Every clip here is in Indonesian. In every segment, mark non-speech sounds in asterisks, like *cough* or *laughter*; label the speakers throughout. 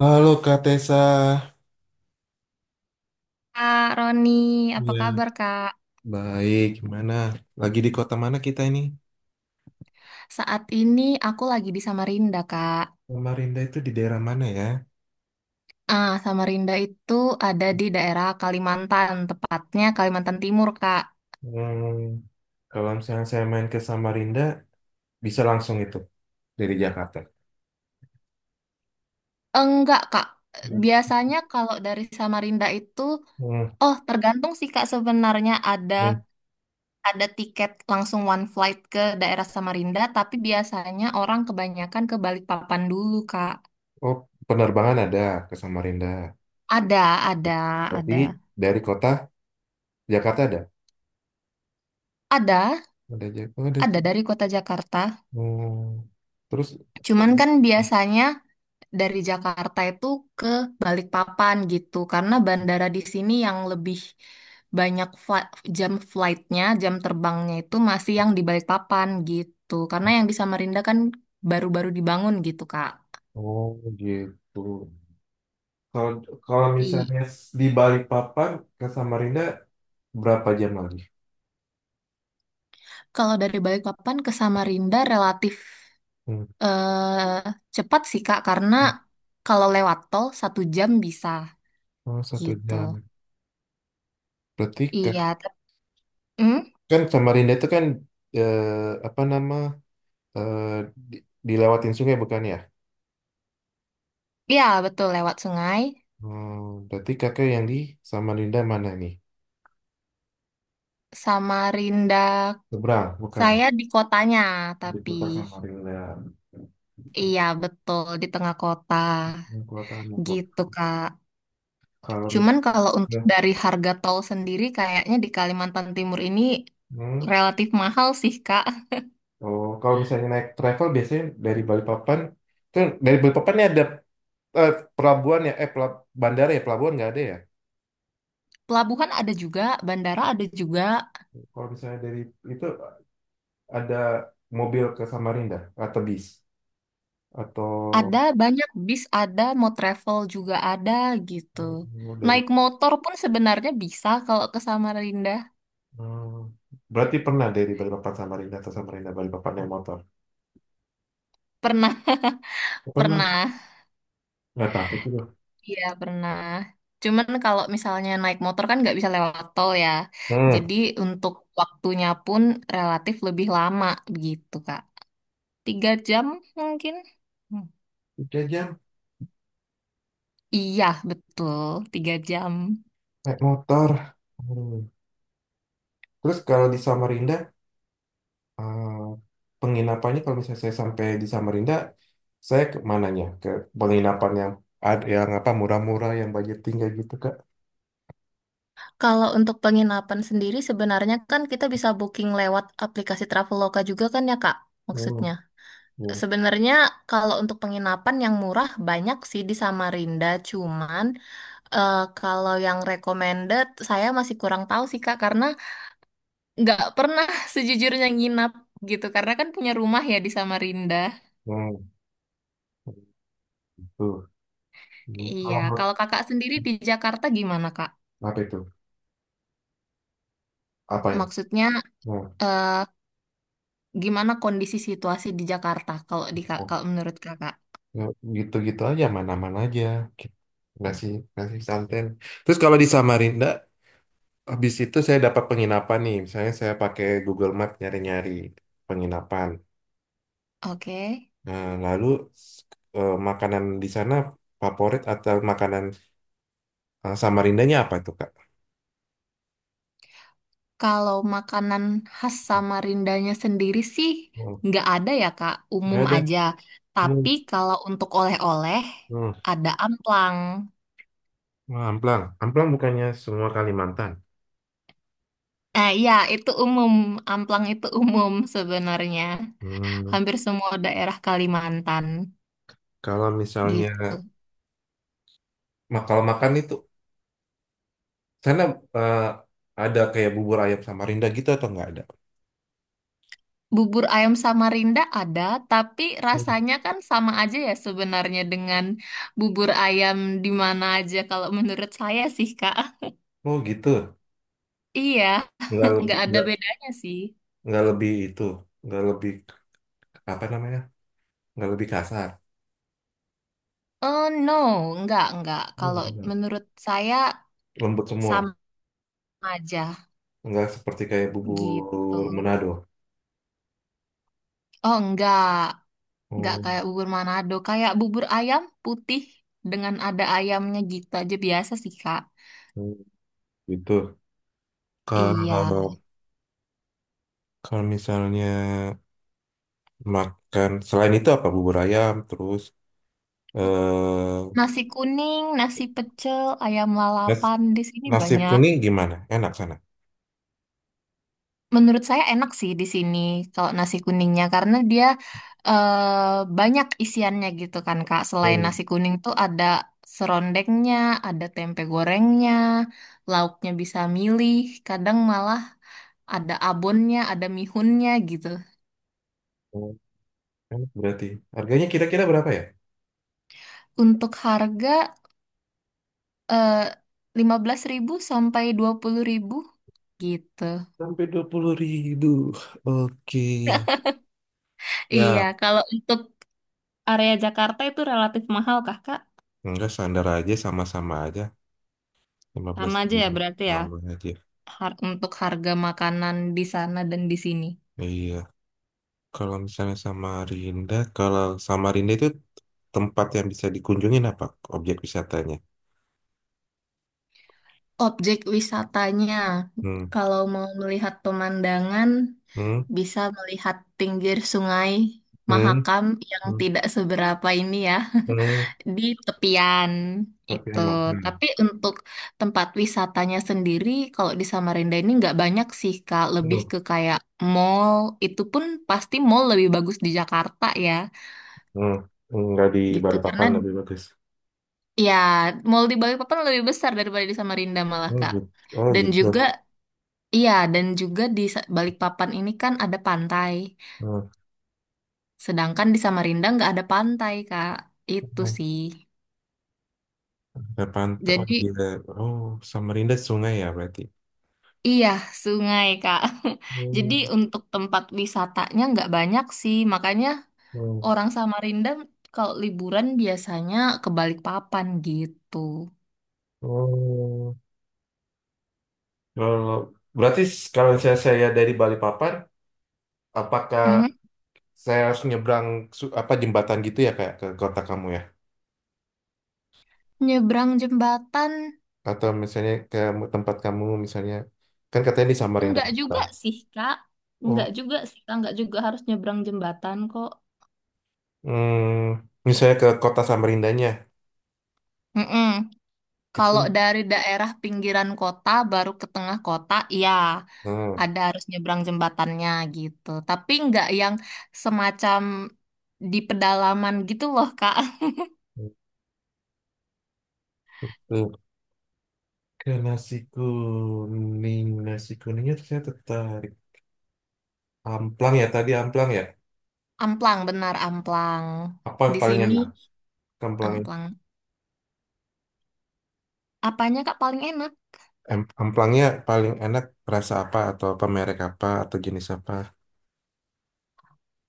Speaker 1: Halo Kak Tessa.
Speaker 2: Kak Roni, apa
Speaker 1: Ya,
Speaker 2: kabar Kak?
Speaker 1: baik. Gimana? Lagi di kota mana kita ini?
Speaker 2: Saat ini aku lagi di Samarinda Kak.
Speaker 1: Samarinda itu di daerah mana ya?
Speaker 2: Ah, Samarinda itu ada di daerah Kalimantan, tepatnya Kalimantan Timur Kak.
Speaker 1: Hmm, kalau misalnya saya main ke Samarinda, bisa langsung itu dari Jakarta.
Speaker 2: Enggak Kak,
Speaker 1: Hmm,
Speaker 2: biasanya kalau dari Samarinda itu, oh tergantung sih Kak sebenarnya ada
Speaker 1: hmm.
Speaker 2: ada tiket langsung one flight ke daerah Samarinda, tapi biasanya orang kebanyakan ke Balikpapan dulu Kak.
Speaker 1: Oh, penerbangan ada ke Samarinda.
Speaker 2: Ada, ada,
Speaker 1: Tapi
Speaker 2: ada.
Speaker 1: dari kota Jakarta ada.
Speaker 2: Ada,
Speaker 1: Ada Jakarta. Oh, ada.
Speaker 2: ada dari kota Jakarta.
Speaker 1: Hmm. Terus,
Speaker 2: Cuman kan biasanya dari Jakarta itu ke Balikpapan gitu karena bandara di sini yang lebih banyak jam jam terbangnya itu masih yang di Balikpapan gitu karena yang di Samarinda kan baru-baru dibangun gitu Kak.
Speaker 1: oh gitu. Kalau kalau
Speaker 2: I-
Speaker 1: misalnya di Balikpapan ke Samarinda berapa jam lagi?
Speaker 2: Kalau dari Balikpapan ke Samarinda relatif
Speaker 1: Hmm.
Speaker 2: eh, cepat sih Kak karena kalau lewat tol 1 jam bisa
Speaker 1: Oh, satu
Speaker 2: gitu.
Speaker 1: jam. Berarti kan,
Speaker 2: Iya, hmm?
Speaker 1: kan Samarinda itu kan eh, apa nama eh, dilewatin sungai bukan ya?
Speaker 2: Iya betul lewat sungai.
Speaker 1: Hmm, berarti kakak yang di Samarinda mana nih?
Speaker 2: Samarinda
Speaker 1: Seberang, bukan.
Speaker 2: Saya di kotanya,
Speaker 1: Di
Speaker 2: tapi
Speaker 1: kota Samarinda.
Speaker 2: iya betul di tengah kota
Speaker 1: Hmm, Kota Depok.
Speaker 2: gitu, Kak.
Speaker 1: Kalau
Speaker 2: Cuman kalau
Speaker 1: misalnya,
Speaker 2: untuk dari harga tol sendiri kayaknya di Kalimantan Timur ini
Speaker 1: hmm,
Speaker 2: relatif mahal sih, Kak.
Speaker 1: oh, kalau misalnya naik travel biasanya dari Balikpapan, kan dari Balikpapan ini ada eh, pelabuhan ya, bandara ya, pelabuhan nggak ada ya?
Speaker 2: Pelabuhan ada juga, bandara ada juga,
Speaker 1: Kalau misalnya dari itu ada mobil ke Samarinda atau bis atau
Speaker 2: ada banyak bis ada, mau travel juga ada gitu.
Speaker 1: oh, dari
Speaker 2: Naik motor pun sebenarnya bisa kalau ke Samarinda.
Speaker 1: berarti pernah dari Balikpapan Samarinda atau Samarinda Balikpapan naik motor,
Speaker 2: Pernah,
Speaker 1: pernah,
Speaker 2: pernah.
Speaker 1: nggak takut juga.
Speaker 2: Iya pernah. Cuman kalau misalnya naik motor kan nggak bisa lewat tol ya.
Speaker 1: Hmm.
Speaker 2: Jadi untuk waktunya pun relatif lebih lama begitu Kak. 3 jam mungkin? Hmm.
Speaker 1: 3 jam
Speaker 2: Iya betul, 3 jam.
Speaker 1: naik motor. Hmm. Terus kalau di Samarinda eh, penginapannya kalau misalnya saya sampai di Samarinda saya ke mananya ke penginapan yang yang apa murah-murah yang budget tinggal gitu Kak.
Speaker 2: Kalau untuk penginapan sendiri sebenarnya kan kita bisa booking lewat aplikasi Traveloka juga kan ya Kak?
Speaker 1: Hmm.
Speaker 2: Maksudnya.
Speaker 1: Ya.
Speaker 2: Sebenarnya kalau untuk penginapan yang murah banyak sih di Samarinda, cuman kalau yang recommended saya masih kurang tahu sih Kak karena nggak pernah *laughs* sejujurnya nginap gitu karena kan punya rumah ya di Samarinda.
Speaker 1: Hmm. Tuh. Hmm.
Speaker 2: Iya,
Speaker 1: Kalau menurut-
Speaker 2: kalau Kakak sendiri di Jakarta gimana Kak?
Speaker 1: apa itu? Apa ya?
Speaker 2: Maksudnya
Speaker 1: Nah,
Speaker 2: eh, gimana kondisi situasi di Jakarta kalau di
Speaker 1: nah,
Speaker 2: kalau menurut Kakak?
Speaker 1: nah, gitu-gitu aja, mana-mana aja. Gitu. Ngasih santen. Terus kalau di Samarinda, habis itu saya dapat penginapan nih. Misalnya saya pakai Google Map nyari-nyari penginapan.
Speaker 2: Oke.
Speaker 1: Nah, lalu s- makanan di sana favorit atau makanan Samarindanya apa itu, Kak?
Speaker 2: Kalau makanan khas Samarindanya sendiri sih
Speaker 1: Hmm,
Speaker 2: nggak ada ya Kak,
Speaker 1: nggak
Speaker 2: umum
Speaker 1: ada.
Speaker 2: aja.
Speaker 1: Hmm,
Speaker 2: Tapi kalau untuk oleh-oleh
Speaker 1: hmm.
Speaker 2: ada amplang.
Speaker 1: Wah, amplang. Amplang bukannya semua Kalimantan.
Speaker 2: Eh iya itu umum, amplang itu *laughs* umum sebenarnya.
Speaker 1: Hmm,
Speaker 2: Hampir semua daerah Kalimantan
Speaker 1: kalau misalnya,
Speaker 2: gitu.
Speaker 1: kalau makan itu sana eh, ada kayak bubur ayam Samarinda gitu atau nggak ada?
Speaker 2: Bubur ayam Samarinda ada, tapi
Speaker 1: Hmm.
Speaker 2: rasanya kan sama aja ya sebenarnya dengan bubur ayam di mana aja kalau menurut saya sih Kak.
Speaker 1: Oh gitu.
Speaker 2: Iya,
Speaker 1: Nggak
Speaker 2: nggak
Speaker 1: lebih
Speaker 2: ada
Speaker 1: nggak
Speaker 2: bedanya sih.
Speaker 1: nggak lebih itu, nggak lebih apa namanya? Nggak lebih kasar.
Speaker 2: Oh no, enggak, enggak.
Speaker 1: Oh,
Speaker 2: Kalau
Speaker 1: iya.
Speaker 2: menurut saya
Speaker 1: Lembut semua.
Speaker 2: sama aja
Speaker 1: Nggak seperti kayak
Speaker 2: gitu.
Speaker 1: bubur Manado.
Speaker 2: Oh enggak
Speaker 1: Oh,
Speaker 2: kayak bubur Manado. Kayak bubur ayam putih dengan ada ayamnya gitu aja biasa sih, Kak.
Speaker 1: oh, gitu.
Speaker 2: Iya.
Speaker 1: Kalau kalau misalnya makan selain itu apa bubur ayam terus eh
Speaker 2: Nasi kuning, nasi pecel, ayam
Speaker 1: nas-
Speaker 2: lalapan di sini
Speaker 1: nasi
Speaker 2: banyak.
Speaker 1: kuning gimana? Enak sana.
Speaker 2: Menurut saya enak sih di sini kalau nasi kuningnya karena dia banyak isiannya gitu kan Kak. Selain
Speaker 1: Hmm.
Speaker 2: nasi kuning tuh ada serondengnya, ada tempe gorengnya, lauknya bisa milih, kadang malah ada abonnya, ada mihunnya gitu.
Speaker 1: Oh, enak berarti. Harganya kira-kira berapa ya?
Speaker 2: Untuk harga eh, 15 ribu sampai 20 ribu gitu.
Speaker 1: Sampai 20 ribu. Oke.
Speaker 2: *laughs* Iya,
Speaker 1: Ya,
Speaker 2: kalau untuk area Jakarta itu relatif mahal Kakak.
Speaker 1: enggak standar aja sama-sama aja. lima belas
Speaker 2: Sama aja ya
Speaker 1: ribu.
Speaker 2: berarti ya.
Speaker 1: Sama aja.
Speaker 2: Untuk harga makanan di sana dan di sini.
Speaker 1: Iya. Kalau misalnya Samarinda, kalau Samarinda itu tempat yang bisa dikunjungin apa objek wisatanya?
Speaker 2: Objek wisatanya,
Speaker 1: Hmm,
Speaker 2: kalau mau melihat pemandangan,
Speaker 1: hmm,
Speaker 2: bisa melihat pinggir sungai
Speaker 1: hmm,
Speaker 2: Mahakam yang
Speaker 1: hmm,
Speaker 2: tidak seberapa ini ya,
Speaker 1: hmm.
Speaker 2: *laughs* di tepian
Speaker 1: Tapi
Speaker 2: itu.
Speaker 1: yang makan.
Speaker 2: Tapi untuk tempat wisatanya sendiri, kalau di Samarinda ini nggak banyak sih, Kak. Lebih
Speaker 1: Hmm,
Speaker 2: ke kayak mall, itu pun pasti mall lebih bagus di Jakarta ya,
Speaker 1: hmm. Enggak di
Speaker 2: gitu.
Speaker 1: Balikpapan lebih bagus.
Speaker 2: Ya, mall di Balikpapan lebih besar daripada di Samarinda malah,
Speaker 1: Oh
Speaker 2: Kak.
Speaker 1: gitu. Oh
Speaker 2: Dan
Speaker 1: gitu.
Speaker 2: juga, iya, dan juga di Balikpapan ini kan ada pantai.
Speaker 1: Hmm.
Speaker 2: Sedangkan di Samarinda nggak ada pantai, Kak. Itu
Speaker 1: Hmm.
Speaker 2: sih.
Speaker 1: Ada pantai. Oh,
Speaker 2: Jadi,
Speaker 1: gila. Oh, Samarinda sungai ya berarti.
Speaker 2: iya, sungai, Kak. *laughs*
Speaker 1: Hmm.
Speaker 2: Jadi untuk tempat wisatanya nggak banyak sih. Makanya
Speaker 1: Hmm.
Speaker 2: orang Samarinda kalau liburan biasanya ke Balikpapan gitu.
Speaker 1: Oh, kalau berarti kalau saya dari Balikpapan, apakah
Speaker 2: Mhm.
Speaker 1: saya harus nyebrang apa jembatan gitu ya kayak ke kota kamu ya?
Speaker 2: Nyebrang jembatan
Speaker 1: Atau misalnya ke tempat kamu misalnya kan katanya di Samarinda
Speaker 2: Enggak
Speaker 1: kota.
Speaker 2: juga sih, Kak. Enggak
Speaker 1: Oh,
Speaker 2: juga sih, Kak. Enggak juga harus nyebrang jembatan kok.
Speaker 1: hmm, misalnya ke kota Samarindanya
Speaker 2: Mm-mm. Kalau
Speaker 1: itu.
Speaker 2: dari daerah pinggiran kota baru ke tengah kota, ya
Speaker 1: Nah,
Speaker 2: ada harus nyebrang jembatannya gitu. Tapi nggak yang semacam di pedalaman gitu loh, Kak. *laughs*
Speaker 1: itu ke nasi kuning, nasi kuningnya saya tertarik. Amplang ya tadi amplang ya.
Speaker 2: Amplang, benar amplang.
Speaker 1: Apa yang
Speaker 2: Di
Speaker 1: paling
Speaker 2: sini
Speaker 1: enak? Amplang.
Speaker 2: amplang. Apanya, Kak, paling enak?
Speaker 1: Amplangnya paling enak rasa apa atau apa merek apa atau jenis apa?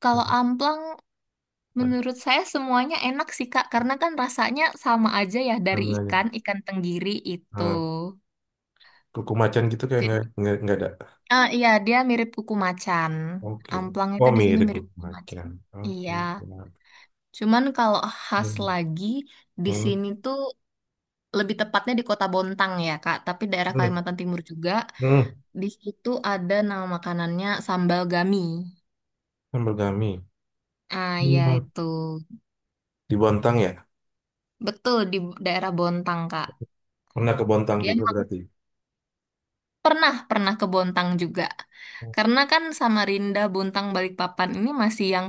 Speaker 2: Kalau
Speaker 1: Hmm,
Speaker 2: amplang
Speaker 1: apa
Speaker 2: Menurut saya semuanya enak sih Kak, karena kan rasanya sama aja ya dari
Speaker 1: namanya?
Speaker 2: ikan, ikan tenggiri itu.
Speaker 1: Eh, kuku macan gitu kayak
Speaker 2: Jadi,
Speaker 1: nggak ada.
Speaker 2: ah, iya dia mirip kuku macan.
Speaker 1: Oke.
Speaker 2: Amplang itu
Speaker 1: Oh
Speaker 2: di sini
Speaker 1: mirip
Speaker 2: mirip
Speaker 1: kuku
Speaker 2: kuku macan.
Speaker 1: macan. Oke.
Speaker 2: Iya, cuman kalau khas
Speaker 1: Hmm.
Speaker 2: lagi di
Speaker 1: Hmm.
Speaker 2: sini tuh lebih tepatnya di Kota Bontang ya Kak, tapi daerah
Speaker 1: Hmm.
Speaker 2: Kalimantan Timur juga.
Speaker 1: Hmm.
Speaker 2: Di situ ada nama makanannya sambal gami.
Speaker 1: Sambal gami.
Speaker 2: Ah ya
Speaker 1: Hmm.
Speaker 2: itu.
Speaker 1: Di Bontang ya?
Speaker 2: Betul di daerah Bontang Kak.
Speaker 1: Pernah ke Bontang
Speaker 2: Dia
Speaker 1: juga berarti.
Speaker 2: Pernah, pernah ke Bontang juga. Karena kan Samarinda, Bontang, Balikpapan ini masih yang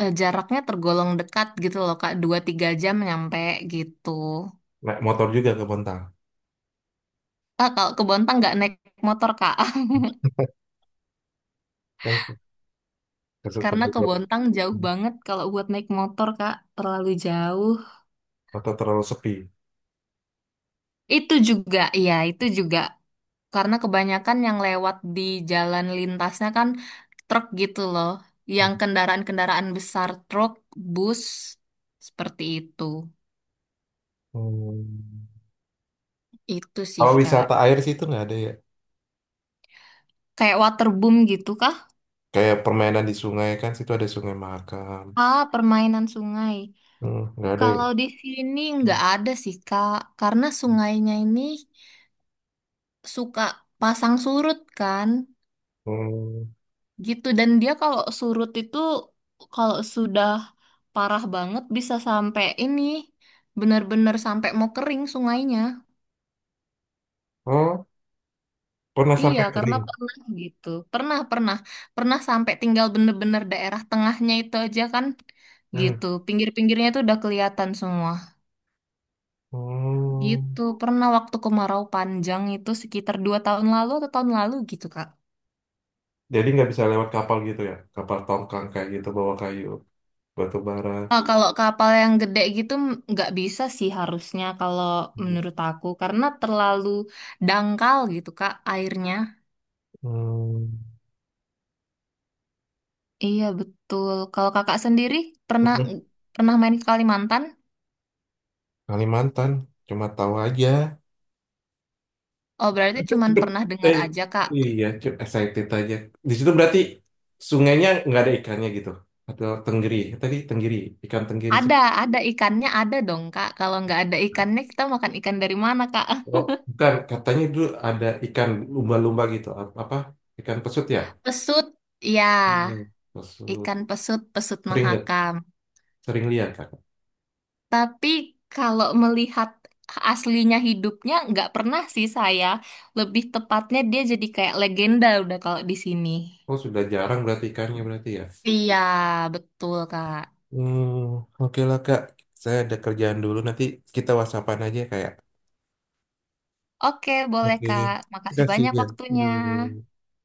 Speaker 2: jaraknya tergolong dekat gitu loh, Kak. 2-3 jam nyampe gitu.
Speaker 1: Naik motor juga ke Bontang.
Speaker 2: Ah, kalau ke Bontang nggak naik motor, Kak. *laughs*
Speaker 1: Kan ke
Speaker 2: Karena ke
Speaker 1: Bogor.
Speaker 2: Bontang jauh banget kalau buat naik motor, Kak. Terlalu jauh.
Speaker 1: Atau terlalu sepi.
Speaker 2: Itu juga, iya, itu juga. Karena kebanyakan yang lewat di jalan lintasnya kan truk gitu loh. Yang kendaraan-kendaraan besar, truk, bus, seperti itu.
Speaker 1: Hmm.
Speaker 2: Itu sih,
Speaker 1: Kalau
Speaker 2: Kak.
Speaker 1: wisata air sih itu nggak ada ya.
Speaker 2: Kayak waterboom gitu kah?
Speaker 1: Kayak permainan di sungai kan, situ ada Sungai Mahakam.
Speaker 2: Ah, permainan sungai.
Speaker 1: Hmm, nggak ada ya?
Speaker 2: Kalau di sini nggak ada sih, Kak. Karena sungainya ini suka pasang surut kan.
Speaker 1: Hmm.
Speaker 2: Gitu. Dan dia kalau surut itu kalau sudah parah banget bisa sampai ini benar-benar sampai mau kering sungainya.
Speaker 1: Oh, pernah
Speaker 2: Iya,
Speaker 1: sampai
Speaker 2: karena
Speaker 1: kering.
Speaker 2: pernah gitu. Pernah, pernah. Pernah sampai tinggal bener-bener daerah tengahnya itu aja kan.
Speaker 1: Hmm.
Speaker 2: Gitu. Pinggir-pinggirnya itu udah kelihatan semua.
Speaker 1: Hmm.
Speaker 2: Gitu. Pernah waktu kemarau panjang itu sekitar 2 tahun lalu atau tahun lalu gitu, Kak.
Speaker 1: Jadi nggak bisa lewat kapal gitu ya? Kapal tongkang kayak gitu bawa kayu, batu bara.
Speaker 2: Ah, kalau kapal yang gede gitu nggak bisa sih harusnya kalau
Speaker 1: Hmm.
Speaker 2: menurut aku. Karena terlalu dangkal gitu, Kak, airnya. Iya, betul. Kalau kakak sendiri pernah
Speaker 1: Hmm.
Speaker 2: pernah main ke Kalimantan?
Speaker 1: Kalimantan, cuma tahu aja.
Speaker 2: Oh, berarti
Speaker 1: *laughs*
Speaker 2: cuman
Speaker 1: Cepet.
Speaker 2: pernah dengar
Speaker 1: Eh,
Speaker 2: aja, Kak.
Speaker 1: iya, cukup excited aja. Di situ berarti sungainya nggak ada ikannya gitu. Atau tenggiri. Tadi tenggiri, ikan tenggiri sih.
Speaker 2: Ada, ada ikannya ada dong, Kak. Kalau nggak ada ikannya, kita makan ikan dari mana, Kak?
Speaker 1: Oh, bukan. Katanya itu ada ikan lumba-lumba gitu. Apa? Ikan pesut ya?
Speaker 2: *laughs* Pesut,
Speaker 1: Hmm,
Speaker 2: ya,
Speaker 1: pesut.
Speaker 2: ikan pesut, pesut
Speaker 1: Sering lihat.
Speaker 2: mahakam.
Speaker 1: Sering lihat, Kak.
Speaker 2: Tapi kalau melihat aslinya hidupnya, nggak pernah sih saya. Lebih tepatnya dia jadi kayak legenda udah kalau di sini.
Speaker 1: Oh, sudah jarang berarti ikannya berarti ya.
Speaker 2: Iya, betul, Kak.
Speaker 1: Hmm, oke lah, Kak. Saya ada kerjaan dulu. Nanti kita whatsappan aja kayak.
Speaker 2: Oke, boleh,
Speaker 1: Oke.
Speaker 2: Kak.
Speaker 1: Terima
Speaker 2: Makasih
Speaker 1: kasih
Speaker 2: banyak
Speaker 1: ya.
Speaker 2: waktunya.
Speaker 1: Hmm.